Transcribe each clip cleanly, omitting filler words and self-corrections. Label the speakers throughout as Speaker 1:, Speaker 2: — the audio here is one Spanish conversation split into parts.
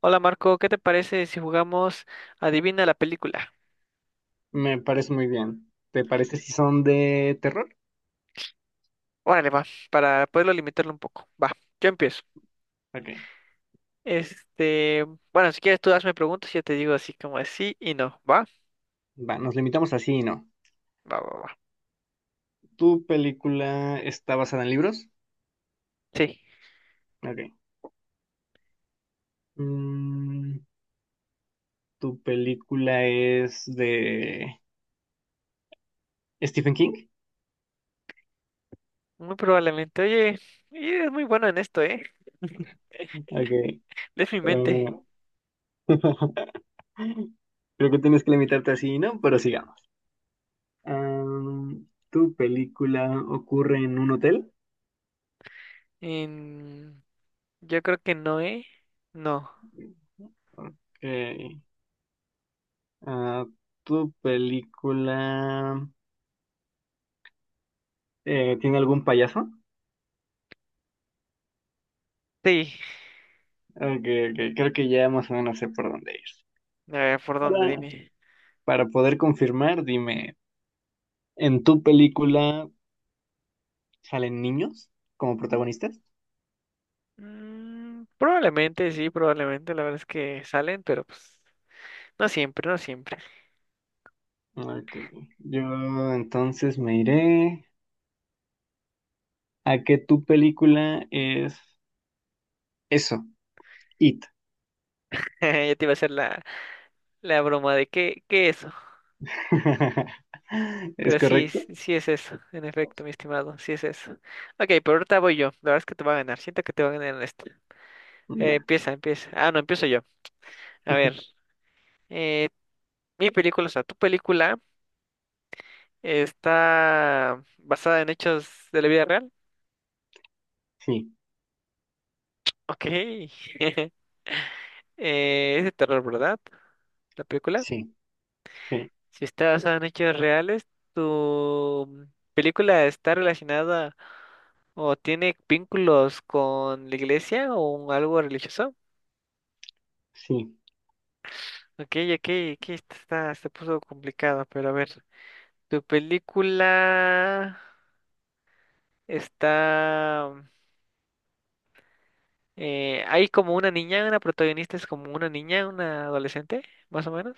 Speaker 1: Hola Marco, ¿qué te parece si jugamos Adivina la película?
Speaker 2: Me parece muy bien. ¿Te parece si son de terror?
Speaker 1: Órale, va, para poderlo limitarlo un poco. Va, yo empiezo.
Speaker 2: Ok.
Speaker 1: Este, bueno, si quieres tú hazme preguntas y yo te digo así como así y no. ¿Va?
Speaker 2: Va, nos limitamos así, y no.
Speaker 1: Va, va, va.
Speaker 2: ¿Tu película está basada en libros?
Speaker 1: Sí,
Speaker 2: Ok. Mm, ¿tu película es de Stephen King?
Speaker 1: muy probablemente. Oye, y eres muy bueno en esto, ¿eh?
Speaker 2: Ok.
Speaker 1: Lees mi mente.
Speaker 2: eh, creo que tienes que limitarte así, y no, pero sigamos. ¿Tu película ocurre en un hotel?
Speaker 1: En- Yo creo que no, ¿eh? No.
Speaker 2: Ok. Ah, ¿tu película tiene algún payaso?
Speaker 1: Sí.
Speaker 2: Okay, okay, creo que ya más o menos sé por dónde ir.
Speaker 1: A ver, ¿por
Speaker 2: Para,
Speaker 1: dónde? Dime.
Speaker 2: para poder confirmar, dime, ¿en tu película salen niños como protagonistas?
Speaker 1: Mm, probablemente, sí, probablemente. La verdad es que salen, pero pues no siempre, no siempre.
Speaker 2: Ok. Yo Entonces me iré a que tu película es eso, It.
Speaker 1: Ya te iba a hacer la... La broma de qué, qué eso.
Speaker 2: ¿Es
Speaker 1: Pero sí,
Speaker 2: correcto?
Speaker 1: sí es eso, en efecto, mi estimado, sí es eso. Ok, pero ahorita voy yo. La verdad es que te va a ganar. Siento que te va a ganar en esta.
Speaker 2: Va.
Speaker 1: Empieza, empieza. Ah, no, empiezo yo. A ver, eh, mi película, o sea, tu película está basada en hechos de la vida real.
Speaker 2: Sí,
Speaker 1: Ok. Es de terror, ¿verdad? La película.
Speaker 2: sí, sí,
Speaker 1: Si está basada en hechos reales, ¿tu película está relacionada o tiene vínculos con la iglesia o algo religioso?
Speaker 2: sí.
Speaker 1: Ok, ok, aquí está, se puso complicado, pero a ver, tu película está... hay como una niña, una protagonista es como una niña, una adolescente, más o menos.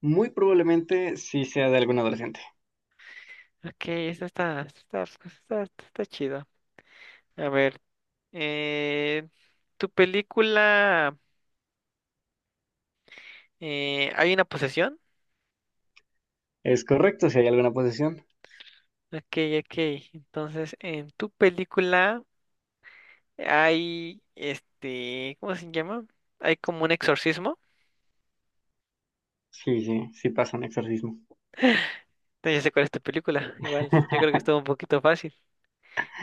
Speaker 2: Muy probablemente sí sea de algún adolescente.
Speaker 1: Ok, esta está, esta está, esta está, esta está chido. A ver, eh, tu película... hay una posesión.
Speaker 2: ¿Es correcto si hay alguna posesión?
Speaker 1: Ok, ok. Entonces, en tu película hay, ¿cómo se llama? Hay como un exorcismo.
Speaker 2: Sí, sí, sí pasa un exorcismo.
Speaker 1: Entonces, ya sé cuál es tu película. Igual, yo creo que estuvo un poquito fácil.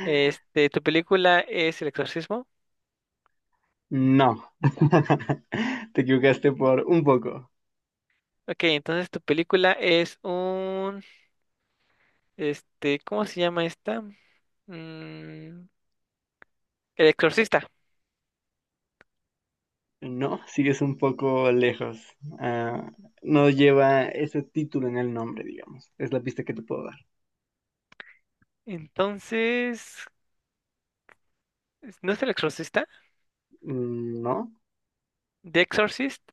Speaker 1: Tu película es el exorcismo.
Speaker 2: No, te equivocaste por un poco.
Speaker 1: Ok, entonces tu película es un, ¿cómo se llama esta? Mm, el exorcista.
Speaker 2: No, sigues un poco lejos. Ah, no lleva ese título en el nombre, digamos. Es la pista que te puedo dar.
Speaker 1: Entonces, ¿no es el exorcista?
Speaker 2: Mm, no,
Speaker 1: ¿The Exorcist?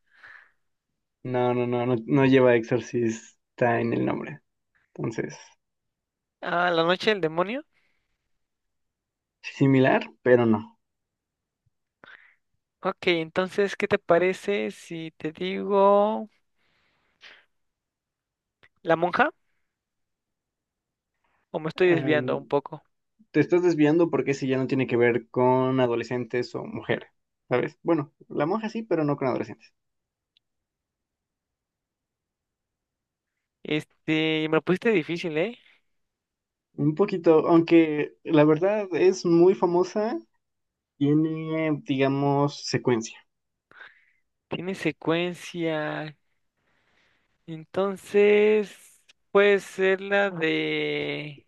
Speaker 2: no, no, no, no, no lleva exorcista en el nombre. Entonces,
Speaker 1: Ah, la noche del demonio.
Speaker 2: similar, pero no.
Speaker 1: Ok, entonces, ¿qué te parece si te digo la monja? ¿O me estoy desviando
Speaker 2: Em,
Speaker 1: un poco?
Speaker 2: te estás desviando porque ese ya no tiene que ver con adolescentes o mujeres, ¿sabes? Bueno, la monja sí, pero no con adolescentes.
Speaker 1: Me lo pusiste difícil, ¿eh?
Speaker 2: Un poquito, aunque la verdad es muy famosa. Tiene, digamos, secuencia.
Speaker 1: Tiene secuencia. Entonces, puede ser la de...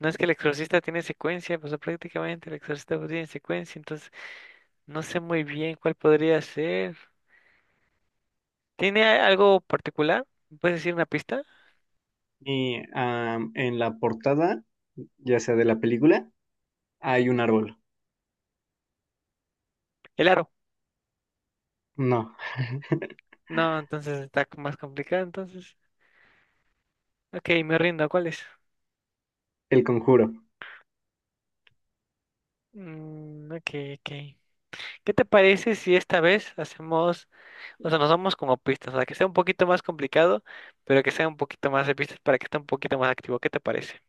Speaker 1: No es que el exorcista tiene secuencia, pues prácticamente el exorcista pues, tiene secuencia, entonces no sé muy bien cuál podría ser. ¿Tiene algo particular? ¿Me ¿Puedes decir una pista?
Speaker 2: Y en la portada, ya sea de la película, hay un árbol.
Speaker 1: El aro.
Speaker 2: No,
Speaker 1: No, entonces está más complicado, entonces. Ok, me rindo, ¿cuál es?
Speaker 2: el conjuro.
Speaker 1: Mm, ok, ok. ¿Qué te parece si esta vez hacemos, o sea, nos vamos como pistas, o sea, que sea un poquito más complicado, pero que sea un poquito más de pistas para que esté un poquito más activo? ¿Qué te parece?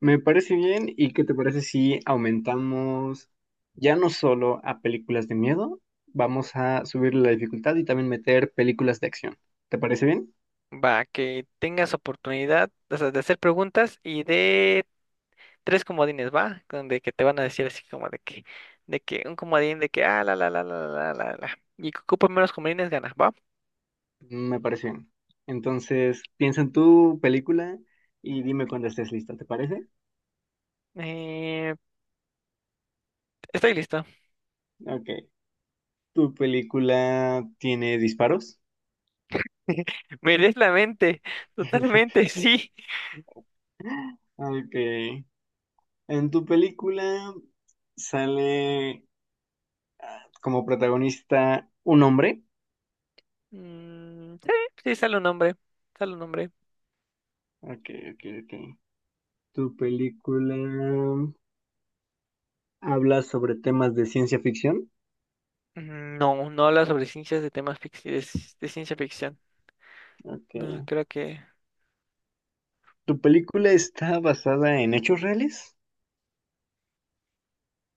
Speaker 2: Me parece bien. ¿Y qué te parece si aumentamos ya no solo a películas de miedo, vamos a subir la dificultad y también meter películas de acción? ¿Te parece bien?
Speaker 1: Va, que tengas oportunidad, o sea, de hacer preguntas y de tres comodines, ¿va? Donde que te van a decir así como de que un comodín de que, ah, la, la, la, la, la, la, la, y que ocupe menos comodines gana, ¿va?
Speaker 2: Me parece bien. Entonces, piensa en tu película y dime cuando estés lista, ¿te parece?
Speaker 1: Eh, estoy listo.
Speaker 2: Ok. ¿Tu película tiene disparos?
Speaker 1: Me lees la mente, totalmente, sí.
Speaker 2: Ok. En tu película sale como protagonista un hombre.
Speaker 1: Mm, sí, sí, sale un nombre. Sale un nombre.
Speaker 2: Ok, ok, ok. Tu película habla sobre temas de ciencia ficción.
Speaker 1: Mm, no, no habla sobre ciencias de temas de ciencia ficción.
Speaker 2: Ok.
Speaker 1: No, creo que.
Speaker 2: Tu película está basada en hechos reales.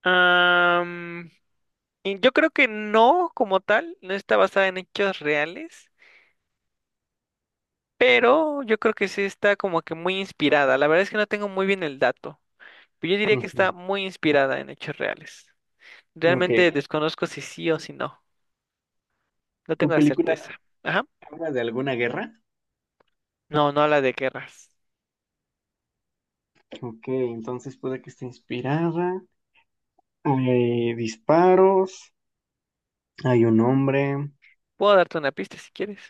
Speaker 1: Am, y yo creo que no, como tal, no está basada en hechos reales, pero yo creo que sí está como que muy inspirada. La verdad es que no tengo muy bien el dato, pero yo diría que está muy inspirada en hechos reales.
Speaker 2: Ujú.
Speaker 1: Realmente
Speaker 2: Ok.
Speaker 1: desconozco si sí o si no. No
Speaker 2: Tu
Speaker 1: tengo la certeza.
Speaker 2: película
Speaker 1: Ajá.
Speaker 2: habla de alguna guerra.
Speaker 1: No, no habla de guerras.
Speaker 2: Ok, entonces puede que esté inspirada. Hay disparos. Hay un hombre.
Speaker 1: Puedo darte una pista si quieres.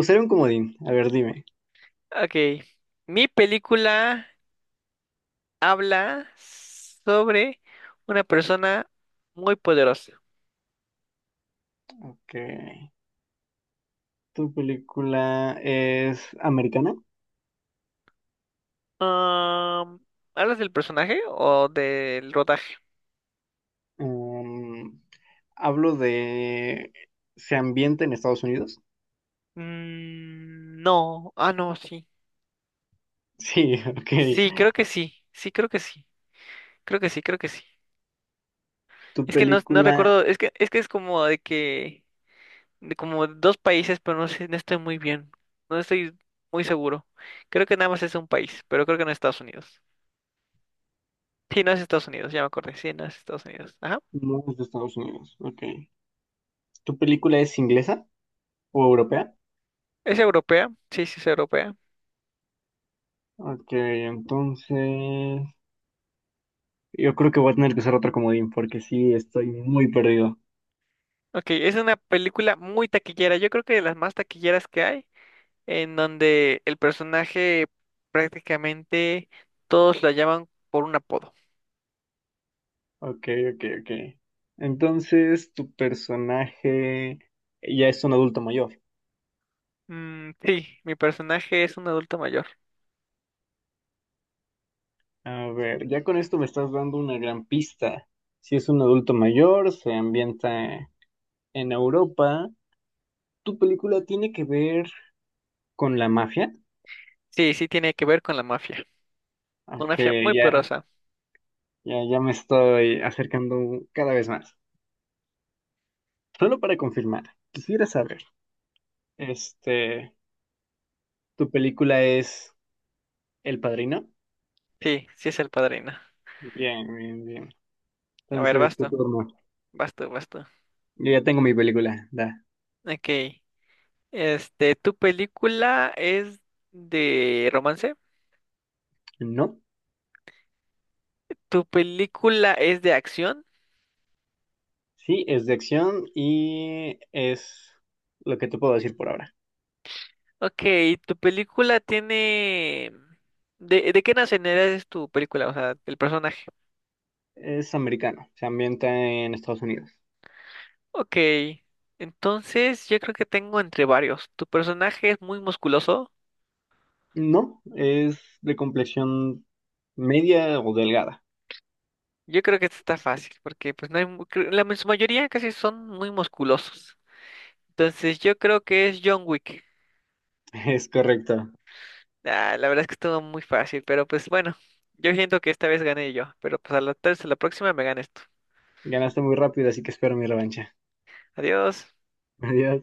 Speaker 2: Usaré un comodín. A ver, dime.
Speaker 1: Ok, mi película habla sobre una persona muy poderosa.
Speaker 2: Ok. Tu película es americana.
Speaker 1: Am, ¿Hablas del personaje o del rodaje?
Speaker 2: Um, hablo de... ¿Se ambienta en Estados Unidos?
Speaker 1: Mm, no, ah, no, sí.
Speaker 2: Sí, ok.
Speaker 1: Sí, creo que sí, sí, creo que sí, creo que sí, creo que sí.
Speaker 2: ¿Tu
Speaker 1: Es que no, no
Speaker 2: película
Speaker 1: recuerdo, es que es como de que, de como dos países, pero no sé, no estoy muy bien, no estoy muy seguro. Creo que nada más es un país, pero creo que no es Estados Unidos. Sí, no es Estados Unidos, ya me acordé. Sí, no es Estados Unidos. Ajá.
Speaker 2: no es de Estados Unidos? Ok. ¿Tu película es inglesa o europea?
Speaker 1: ¿Es europea? Sí, sí, es europea.
Speaker 2: Ok, entonces... Yo creo que voy a tener que usar otro comodín porque sí, estoy muy perdido.
Speaker 1: Ok, es una película muy taquillera. Yo creo que de las más taquilleras que hay, en donde el personaje prácticamente todos lo llaman por un apodo.
Speaker 2: Ok, ok, ok. Entonces, tu personaje ya es un adulto mayor.
Speaker 1: Mm, sí, mi personaje es un adulto mayor.
Speaker 2: A ver, ya con esto me estás dando una gran pista. Si es un adulto mayor, se ambienta en Europa. ¿Tu película tiene que ver con la mafia?
Speaker 1: Sí, sí tiene que ver con la mafia. Con una mafia
Speaker 2: Aunque
Speaker 1: muy
Speaker 2: ya,
Speaker 1: poderosa.
Speaker 2: ya, ya me estoy acercando cada vez más. Solo para confirmar, quisiera saber, este, ¿tu película es El Padrino?
Speaker 1: Sí, sí es el padrino.
Speaker 2: Bien, bien, bien.
Speaker 1: A ver,
Speaker 2: Entonces, tu
Speaker 1: basta,
Speaker 2: turno.
Speaker 1: basta, basta.
Speaker 2: Yo ya tengo mi película. Da.
Speaker 1: Ok. ¿Tu película es de romance?
Speaker 2: ¿No?
Speaker 1: ¿Tu película es de acción?
Speaker 2: Sí, es de acción y es lo que te puedo decir por ahora.
Speaker 1: Ok, ¿tu película tiene... de qué nacionalidad es tu película? O sea, el personaje.
Speaker 2: Es americano, se ambienta en Estados Unidos.
Speaker 1: Ok, entonces yo creo que tengo entre varios. ¿Tu personaje es muy musculoso?
Speaker 2: No, es de complexión media o delgada.
Speaker 1: Yo creo que esta está fácil, porque pues no hay... La en su mayoría casi son muy musculosos. Entonces yo creo que es John Wick.
Speaker 2: Es correcto.
Speaker 1: Ah, la verdad es que estuvo muy fácil, pero pues bueno, yo siento que esta vez gané yo, pero pues a la, tal vez a la próxima me ganes tú.
Speaker 2: Ganaste muy rápido, así que espero mi revancha.
Speaker 1: Adiós.
Speaker 2: Adiós.